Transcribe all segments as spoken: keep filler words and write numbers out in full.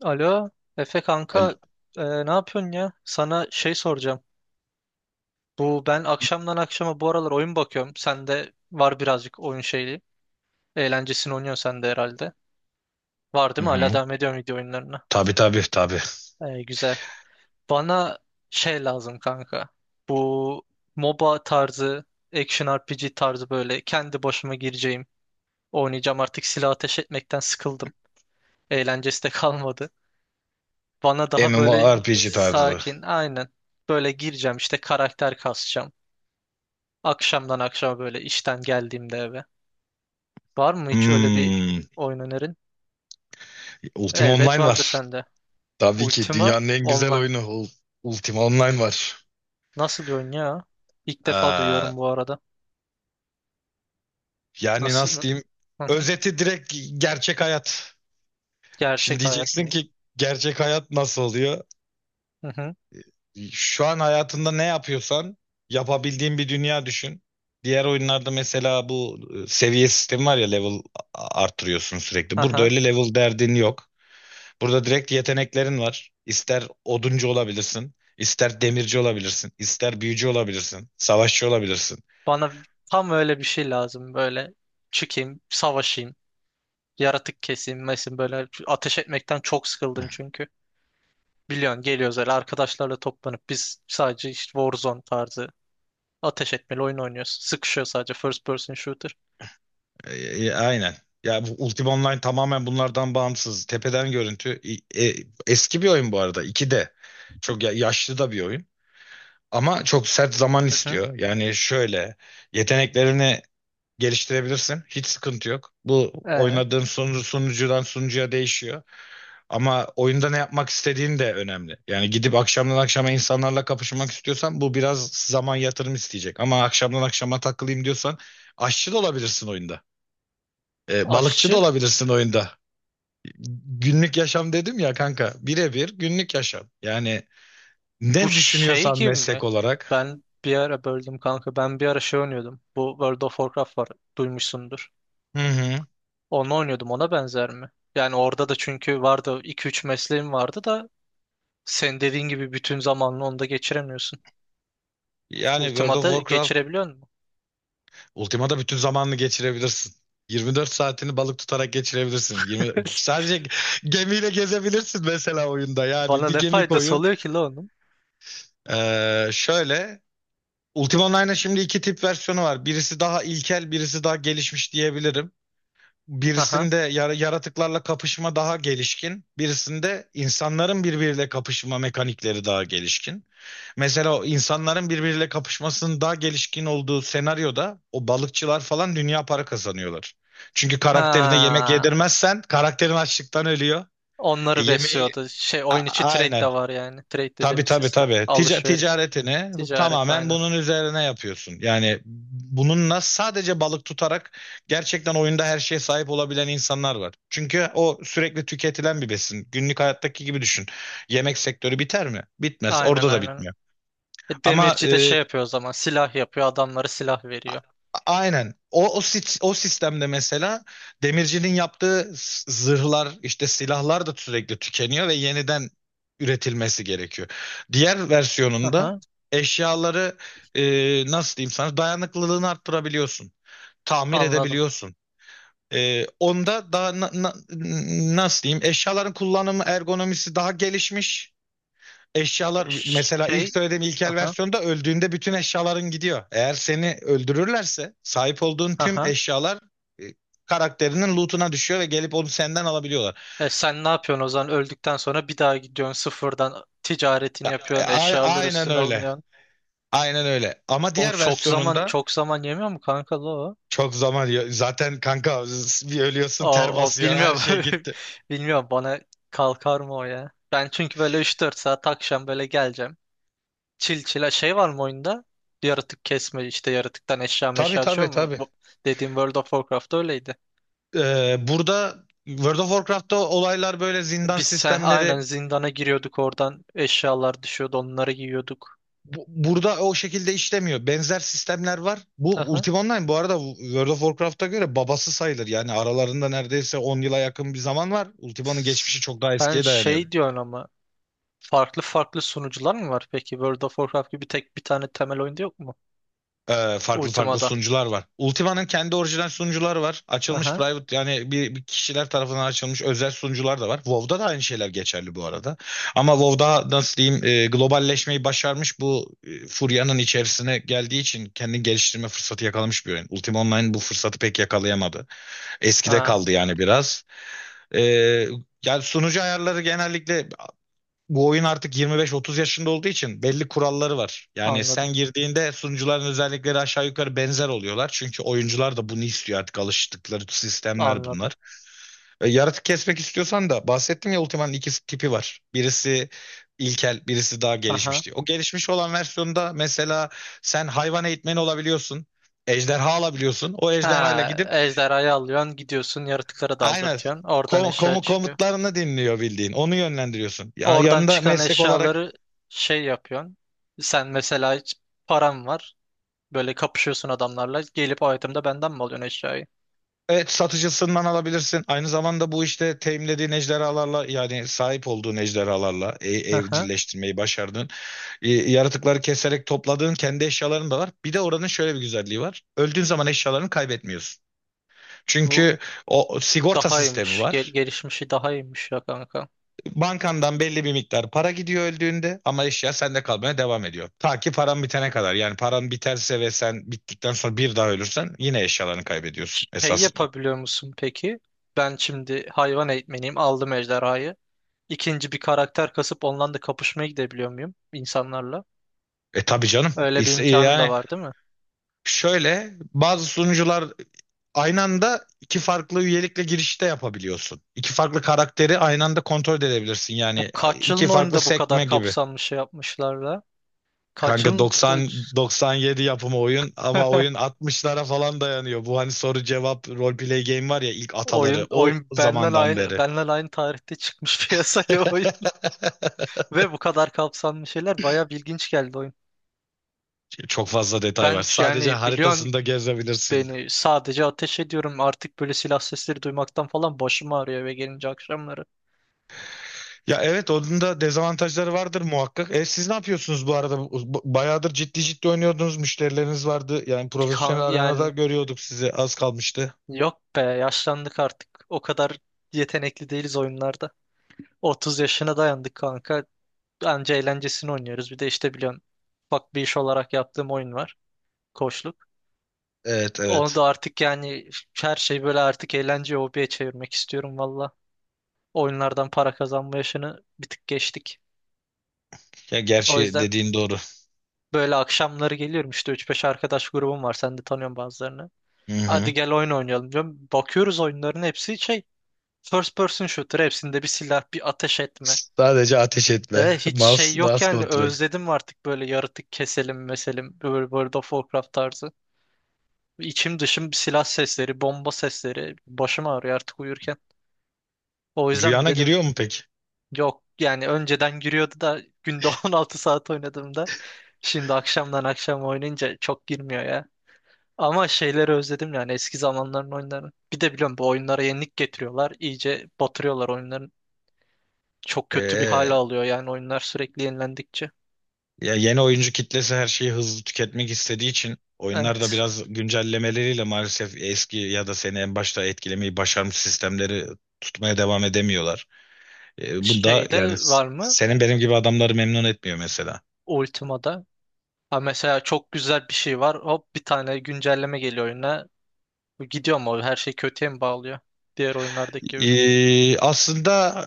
Alo, Efe kanka, Al- e, ne yapıyorsun ya? Sana şey soracağım. Bu ben akşamdan akşama bu aralar oyun bakıyorum. Sende var birazcık oyun şeyi. Eğlencesini oynuyorsun sen de herhalde. Var değil Hı mi? Hala hı. devam ediyorum video oyunlarına. Tabii, tabii, tabii. E, güzel. Bana şey lazım kanka. Bu MOBA tarzı, action R P G tarzı böyle kendi başıma gireceğim. Oynayacağım artık silah ateş etmekten sıkıldım. Eğlencesi de kalmadı. Bana daha böyle MMORPG tarzı. sakin, aynen. Böyle gireceğim işte karakter kasacağım. Akşamdan akşama böyle işten geldiğimde eve. Var mı hiç öyle bir Hmm. oyun önerin? Ultima Elbet Online vardır var. sende. Tabii ki Ultima dünyanın en güzel Online. oyunu Ul- Ultima Online var. Nasıl bir oyun ya? İlk defa Ee, duyuyorum bu arada. yani Nasıl? nasıl diyeyim? Hı hı. Özeti direkt gerçek hayat. Şimdi Gerçek hayat diyeceksin mı? ki gerçek hayat nasıl oluyor? Hı hı. Şu an hayatında ne yapıyorsan yapabildiğin bir dünya düşün. Diğer oyunlarda mesela bu e, seviye sistemi var ya, level a- arttırıyorsun sürekli. Burada Aha. öyle level derdin yok. Burada direkt yeteneklerin var. İster oduncu olabilirsin, ister demirci olabilirsin, ister büyücü olabilirsin, savaşçı olabilirsin. Bana tam öyle bir şey lazım. Böyle çıkayım, savaşayım, yaratık keseyim, mesin böyle ateş etmekten çok sıkıldım çünkü. Biliyorsun geliyoruz öyle arkadaşlarla toplanıp biz sadece işte Warzone tarzı ateş etmeli oyun oynuyoruz. Sıkışıyor sadece first person shooter. E, e, aynen. Ya, bu Ultima Online tamamen bunlardan bağımsız. Tepeden görüntü. E, e, eski bir oyun bu arada. iki de Çok ya- yaşlı da bir oyun. Ama çok sert zaman Hı hı. istiyor. Yani şöyle, yeteneklerini geliştirebilirsin. Hiç sıkıntı yok. Bu Ee, oynadığın sunucu, sunucudan sunucuya değişiyor. Ama oyunda ne yapmak istediğin de önemli. Yani gidip akşamdan akşama insanlarla kapışmak istiyorsan bu biraz zaman yatırım isteyecek. Ama akşamdan akşama takılayım diyorsan, aşçı da olabilirsin oyunda. Ee, balıkçı da aşçı olabilirsin oyunda. Günlük yaşam dedim ya, kanka. Birebir günlük yaşam. Yani bu ne şey düşünüyorsan gibi mi? meslek olarak. Ben bir ara böldüm kanka. Ben bir ara şey oynuyordum. Bu World of Warcraft var. Duymuşsundur. Hı hı. Onu oynuyordum. Ona benzer mi? Yani orada da çünkü vardı iki üç mesleğim vardı da sen dediğin gibi bütün zamanını onda geçiremiyorsun. Yani World of Ultima'da Warcraft. geçirebiliyor musun? Ultima'da bütün zamanını geçirebilirsin. yirmi dört saatini balık tutarak geçirebilirsin. yirmi sadece gemiyle gezebilirsin mesela oyunda. Yani Bana bir ne gemi faydası koyup. oluyor ki la onun? Ee, şöyle, Ultima Online'ın şimdi iki tip versiyonu var. Birisi daha ilkel, birisi daha gelişmiş diyebilirim. Aha. Birisinde yar- yaratıklarla kapışma daha gelişkin, birisinde insanların birbiriyle kapışma mekanikleri daha gelişkin. Mesela o insanların birbiriyle kapışmasının daha gelişkin olduğu senaryoda o balıkçılar falan dünya para kazanıyorlar. Çünkü karakterine yemek Ha. yedirmezsen karakterin açlıktan ölüyor. E, Onları yemeği besliyordu. Şey A- oyun içi trade de aynen. var yani. Trade Tabii, dediğimiz tabii, sistem. tabii. Tica- Alışveriş. ticaretini Ticaret tamamen aynen. bunun üzerine yapıyorsun. Yani bununla sadece balık tutarak gerçekten oyunda her şeye sahip olabilen insanlar var. Çünkü o sürekli tüketilen bir besin. Günlük hayattaki gibi düşün. Yemek sektörü biter mi? Bitmez. Aynen Orada da aynen. bitmiyor. E, Ama demirci de e, şey yapıyor o zaman. Silah yapıyor. Adamlara silah veriyor. Aynen. O, o, sit- o sistemde mesela demircinin yaptığı s- zırhlar, işte silahlar da sürekli tükeniyor ve yeniden üretilmesi gerekiyor. Diğer versiyonunda Aha, eşyaları, e, nasıl diyeyim sana, dayanıklılığını arttırabiliyorsun. Tamir anladım. edebiliyorsun. E, onda daha na- na- nasıl diyeyim, eşyaların kullanımı ergonomisi daha gelişmiş eşyalar. Mesela ilk Şey. söylediğim ilkel Aha, versiyonda öldüğünde bütün eşyaların gidiyor. Eğer seni öldürürlerse sahip olduğun tüm aha. eşyalar e, karakterinin lootuna düşüyor ve gelip onu senden alabiliyorlar. E, sen ne yapıyorsun o zaman? Öldükten sonra bir daha gidiyorsun sıfırdan ticaretini Ya, e, yapıyorsun. a- Eşyalar aynen üstüne öyle. alınıyorsun. Aynen öyle. Ama Oğlum diğer çok zaman versiyonunda çok zaman yemiyor mu kanka la o? çok zaman yiyor. Zaten, kanka, bir O, ölüyorsun, ter o basıyor, her bilmiyorum. şey gitti. Bilmiyorum bana kalkar mı o ya? Ben çünkü böyle üç dört saat akşam böyle geleceğim. Çil çila şey var mı oyunda? Yaratık kesme işte yaratıktan eşya Tabii, meşya düşüyor tabii, mu? tabii. Bu dediğim World of Warcraft'ta öyleydi. Ee, burada World of Warcraft'ta olaylar böyle zindan Biz sen, aynen sistemleri, zindana giriyorduk oradan eşyalar düşüyordu onları giyiyorduk. bu- burada o şekilde işlemiyor. Benzer sistemler var. Bu Aha. Ultima Online bu arada World of Warcraft'a göre babası sayılır. Yani aralarında neredeyse on yıla yakın bir zaman var. Ultima'nın geçmişi çok daha Sen eskiye dayanıyor. şey diyorsun ama farklı farklı sunucular mı var peki? World of Warcraft gibi tek bir tane temel oyunda yok mu? Ee, farklı farklı Ultima'da. sunucular var. Ultima'nın kendi orijinal sunucuları var. Açılmış Aha. private, yani bir, bir kişiler tarafından açılmış özel sunucular da var. WoW'da da aynı şeyler geçerli bu arada. Ama WoW'da nasıl diyeyim, e, globalleşmeyi başarmış bu, e, furyanın içerisine geldiği için kendini geliştirme fırsatı yakalamış bir oyun. Ultima Online bu fırsatı pek yakalayamadı. Eskide Ha, kaldı yani biraz. Ee, yani sunucu ayarları genellikle, bu oyun artık yirmi beş otuz yaşında olduğu için belli kuralları var. Yani anladım. sen girdiğinde sunucuların özellikleri aşağı yukarı benzer oluyorlar. Çünkü oyuncular da bunu istiyor, artık alıştıkları sistemler Anladım. bunlar. Ee, yaratık kesmek istiyorsan da bahsettim ya, Ultima'nın iki tipi var. Birisi ilkel, birisi daha Aha. gelişmiş diye. O gelişmiş olan versiyonda mesela sen hayvan eğitmeni olabiliyorsun. Ejderha alabiliyorsun. O ejderhayla Ha, gidip. ejderhayı alıyorsun gidiyorsun yaratıklara Aynen. daldırtıyorsun. Oradan Kom eşya komu- çıkıyor. Komutlarını dinliyor, bildiğin. Onu yönlendiriyorsun. Ya- Oradan Yanında çıkan meslek olarak, eşyaları şey yapıyorsun. Sen mesela hiç param var. Böyle kapışıyorsun adamlarla. Gelip o item'da benden mi alıyorsun eşyayı? evet, satıcısından alabilirsin. Aynı zamanda bu işte teminlediğin ejderhalarla, yani sahip olduğun ejderhalarla, e- Aha, evcilleştirmeyi başardığın, e, yaratıkları keserek topladığın kendi eşyaların da var. Bir de oranın şöyle bir güzelliği var. Öldüğün zaman eşyalarını kaybetmiyorsun. bu Çünkü o o sigorta daha sistemi iyiymiş. Gel var. gelişmişi daha iyiymiş ya kanka. Bankandan belli bir miktar para gidiyor öldüğünde ama eşya sende kalmaya devam ediyor. Ta ki paran bitene kadar. Yani paran biterse ve sen bittikten sonra bir daha ölürsen yine eşyalarını kaybediyorsun Şey esasında. yapabiliyor musun peki? Ben şimdi hayvan eğitmeniyim. Aldım ejderhayı. İkinci bir karakter kasıp ondan da kapışmaya gidebiliyor muyum insanlarla? E, tabii canım. Öyle bir İşte, imkanım da yani, var değil mi? şöyle bazı sunucular aynı anda iki farklı üyelikle girişte yapabiliyorsun. İki farklı karakteri aynı anda kontrol edebilirsin. Bu Yani kaç iki yılın farklı oyunda bu kadar sekme gibi. kapsamlı şey yapmışlar da? Kaç Kanka, yılın... doksan doksan yedi yapımı oyun ama oyun altmışlara falan dayanıyor. Bu hani soru cevap roleplay game var ya, ilk ataları Oyun o oyun benden zamandan aynı beri. benden aynı tarihte çıkmış piyasaya oyun ve bu kadar kapsamlı şeyler bayağı ilginç geldi oyun. Çok fazla detay var. Ben Sadece yani biliyorsun haritasında gezebilirsin. beni sadece ateş ediyorum artık böyle silah sesleri duymaktan falan başım ağrıyor eve gelince akşamları. Ya, evet, onun da dezavantajları vardır muhakkak. E, siz ne yapıyorsunuz bu arada? Bu- Bayağıdır ciddi ciddi oynuyordunuz. Müşterileriniz vardı. Yani Kan- profesyonel arenada yani görüyorduk sizi. Az kalmıştı. yok be yaşlandık artık o kadar yetenekli değiliz oyunlarda. otuz yaşına dayandık kanka anca eğlencesini oynuyoruz bir de işte biliyorsun ufak bir iş olarak yaptığım oyun var koçluk. Evet, Onu da evet. artık yani her şey böyle artık eğlence hobiye çevirmek istiyorum valla. Oyunlardan para kazanma yaşını bir tık geçtik. Ya, O gerçi yüzden dediğin doğru. böyle akşamları geliyorum işte üç beş arkadaş grubum var sen de tanıyorsun bazılarını. Hı Hadi hı. gel oyun oynayalım diyorum. Bakıyoruz oyunların hepsi şey first person shooter hepsinde bir silah bir ateş etme. Sadece ateş etme. E, hiç şey Mouse, yok mouse yani kontrol. özledim artık böyle yaratık keselim meselim böyle World of Warcraft tarzı. İçim dışım silah sesleri bomba sesleri başım ağrıyor artık uyurken. O yüzden mi Rüyana dedim. giriyor mu peki? Yok yani önceden giriyordu da günde on altı saat oynadığımda şimdi akşamdan akşam oynayınca çok girmiyor ya. Ama şeyleri özledim yani eski zamanların oyunlarını. Bir de biliyorum bu oyunlara yenilik getiriyorlar. İyice batırıyorlar oyunların. Çok kötü bir hal Ee, alıyor yani oyunlar sürekli yenilendikçe. ya yeni oyuncu kitlesi her şeyi hızlı tüketmek istediği için oyunlar da Evet. biraz güncellemeleriyle maalesef eski ya da seni en başta etkilemeyi başarmış sistemleri tutmaya devam edemiyorlar. Ee, bu, yani Şeyde s- var mı? senin benim gibi adamları memnun etmiyor mesela. Ultima'da. Ha mesela çok güzel bir şey var. Hop bir tane güncelleme geliyor oyuna. Gidiyor mu? Her şey kötüye mi bağlıyor? Diğer oyunlardaki gibi. Ee, aslında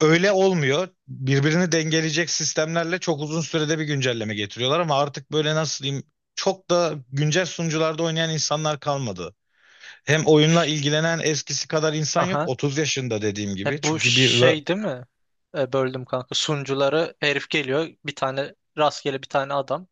öyle olmuyor. Birbirini dengeleyecek sistemlerle çok uzun sürede bir güncelleme getiriyorlar ama artık böyle, nasıl diyeyim, çok da güncel sunucularda oynayan insanlar kalmadı. Hem oyunla Şş. ilgilenen eskisi kadar insan yok. otuz yaşında dediğim gibi. E, bu Çünkü bir ve- şey değil mi? E, böldüm kanka. Sunucuları herif geliyor. Bir tane rastgele bir tane adam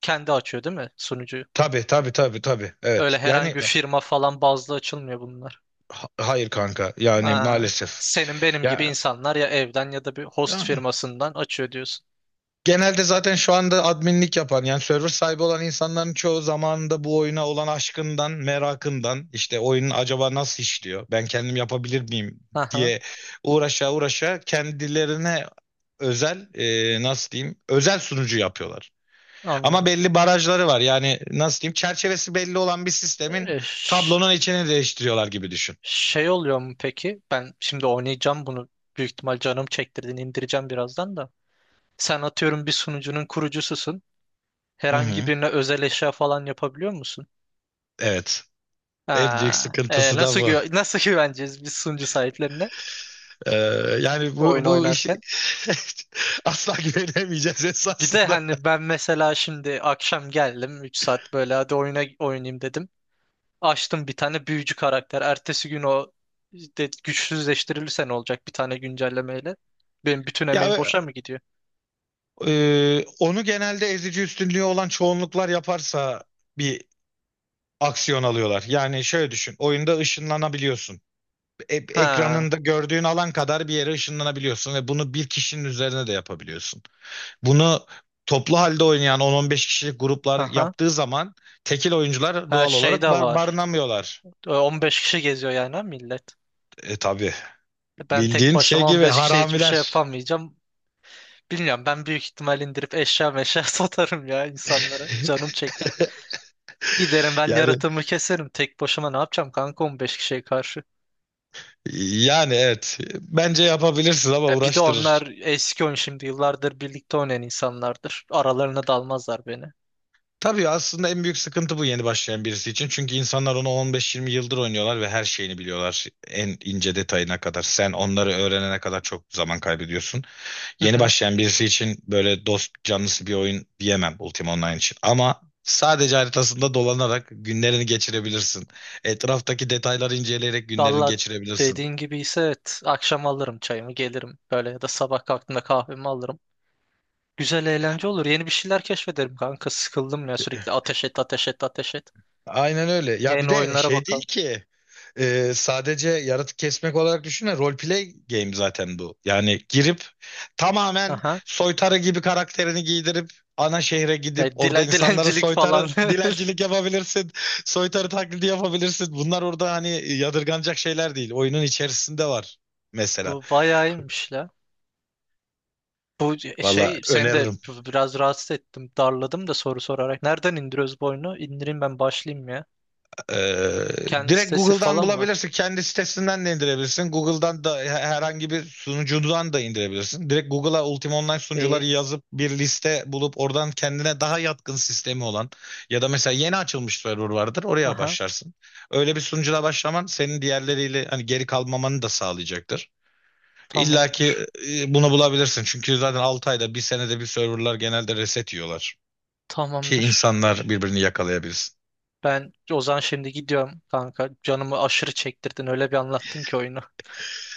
kendi açıyor değil mi sunucuyu? tabii tabii, tabii, tabii. Öyle Evet. herhangi Yani bir firma falan bazlı açılmıyor bunlar. ha- hayır, kanka. Yani Aa, maalesef. senin benim gibi Ya insanlar ya evden ya da bir host ya, firmasından açıyor diyorsun. genelde zaten şu anda adminlik yapan, yani server sahibi olan insanların çoğu zamanında bu oyuna olan aşkından, merakından, işte oyunun acaba nasıl işliyor? Ben kendim yapabilir miyim Aha, diye uğraşa uğraşa kendilerine özel, e, nasıl diyeyim, özel sunucu yapıyorlar. Ama anladım. belli barajları var. Yani nasıl diyeyim? Çerçevesi belli olan bir sistemin E, ş- tablonun içini değiştiriyorlar gibi düşün. şey oluyor mu peki? Ben şimdi oynayacağım bunu. Büyük ihtimal canım çektirdin indireceğim birazdan da. Sen atıyorum bir sunucunun kurucususun. Hı Herhangi hı. birine özel eşya falan yapabiliyor musun? Evet. En büyük Ha, e, sıkıntısı da nasıl bu. güve- nasıl güveneceğiz biz sunucu sahiplerine Ee, yani oyun bu bu iş, oynarken? asla güvenemeyeceğiz Bir de esasında. hani ben mesela şimdi akşam geldim üç saat böyle hadi oyuna oynayayım dedim. Açtım bir tane büyücü karakter. Ertesi gün o de, güçsüzleştirilirse ne olacak bir tane güncellemeyle? Benim bütün emeğim Ya, boşa mı gidiyor? e, onu genelde ezici üstünlüğü olan çoğunluklar yaparsa bir aksiyon alıyorlar. Yani şöyle düşün, oyunda ışınlanabiliyorsun. E- Ha, ekranında gördüğün alan kadar bir yere ışınlanabiliyorsun ve bunu bir kişinin üzerine de yapabiliyorsun. Bunu toplu halde oynayan on on beş kişilik gruplar aha. yaptığı zaman tekil oyuncular Her doğal şey olarak de bar var. barınamıyorlar. E, on beş kişi geziyor yani ha millet. E, tabii, Ben tek bildiğin şey başıma on gibi beş kişiye hiçbir şey haramiler. yapamayacağım. Bilmiyorum ben büyük ihtimal indirip eşya meşya satarım ya insanlara. Canım çekti. Giderim ben Yani yaratımı keserim. Tek başıma ne yapacağım kanka on beş kişiye karşı. yani evet, bence yapabilirsin ama E bir de onlar uğraştırır. eski oyun şimdi yıllardır birlikte oynayan insanlardır. Aralarına dalmazlar beni. Tabii aslında en büyük sıkıntı bu, yeni başlayan birisi için. Çünkü insanlar onu on beş yirmi yıldır oynuyorlar ve her şeyini biliyorlar. En ince detayına kadar. Sen onları öğrenene kadar çok zaman kaybediyorsun. Hı Yeni hı. başlayan birisi için böyle dost canlısı bir oyun diyemem Ultima Online için. Ama sadece haritasında dolanarak günlerini geçirebilirsin. Etraftaki detayları inceleyerek günlerini Valla geçirebilirsin. dediğin gibi ise evet, akşam alırım çayımı gelirim. Böyle ya da sabah kalktığımda kahvemi alırım. Güzel eğlence olur. Yeni bir şeyler keşfederim kanka. Sıkıldım ya sürekli ateş et ateş et ateş et. Aynen öyle. Ya, bir Yeni de oyunlara şey değil bakalım. ki. Ee, sadece yaratık kesmek olarak düşünme. Roleplay game zaten bu. Yani girip tamamen Aha. soytarı gibi karakterini giydirip ana şehre gidip Ya, orada dile- insanlara dilencilik falan. soytarı dilencilik yapabilirsin. Soytarı taklidi yapabilirsin. Bunlar orada hani yadırganacak şeyler değil. Oyunun içerisinde var mesela. Bu bayağı iyiymiş la. Bu e, Valla şey seni de öneririm. biraz rahatsız ettim. Darladım da soru sorarak. Nereden indiriyoruz bu oyunu? İndireyim ben başlayayım ya. Ee, Kendi direkt sitesi Google'dan falan var. bulabilirsin. Kendi sitesinden de indirebilirsin. Google'dan da herhangi bir sunucudan da indirebilirsin. Direkt Google'a Ultima Online İyi. sunucuları yazıp bir liste bulup oradan kendine daha yatkın sistemi olan ya da mesela yeni açılmış server vardır. Oraya Aha. başlarsın. Öyle bir sunucuda başlaman senin diğerleriyle hani geri kalmamanı da sağlayacaktır. İlla ki, Tamamdır. e, bunu bulabilirsin. Çünkü zaten altı ayda bir, senede bir, serverlar genelde reset yiyorlar. Ki Tamamdır. insanlar birbirini yakalayabilsin. Ben o zaman şimdi gidiyorum kanka. Canımı aşırı çektirdin. Öyle bir anlattın ki oyunu.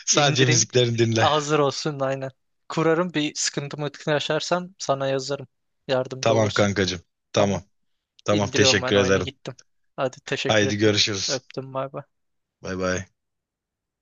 Sadece İndireyim. müziklerini dinle. Hazır olsun aynen. Kurarım bir sıkıntımı yaşarsam sana yazarım. Yardımcı Tamam, olursun. kankacığım. Tamam. Tamam. Tamam, İndiriyorum ben teşekkür oyunu ederim. gittim. Hadi teşekkür Haydi ettim. görüşürüz. Öptüm bay bay. Bay bay.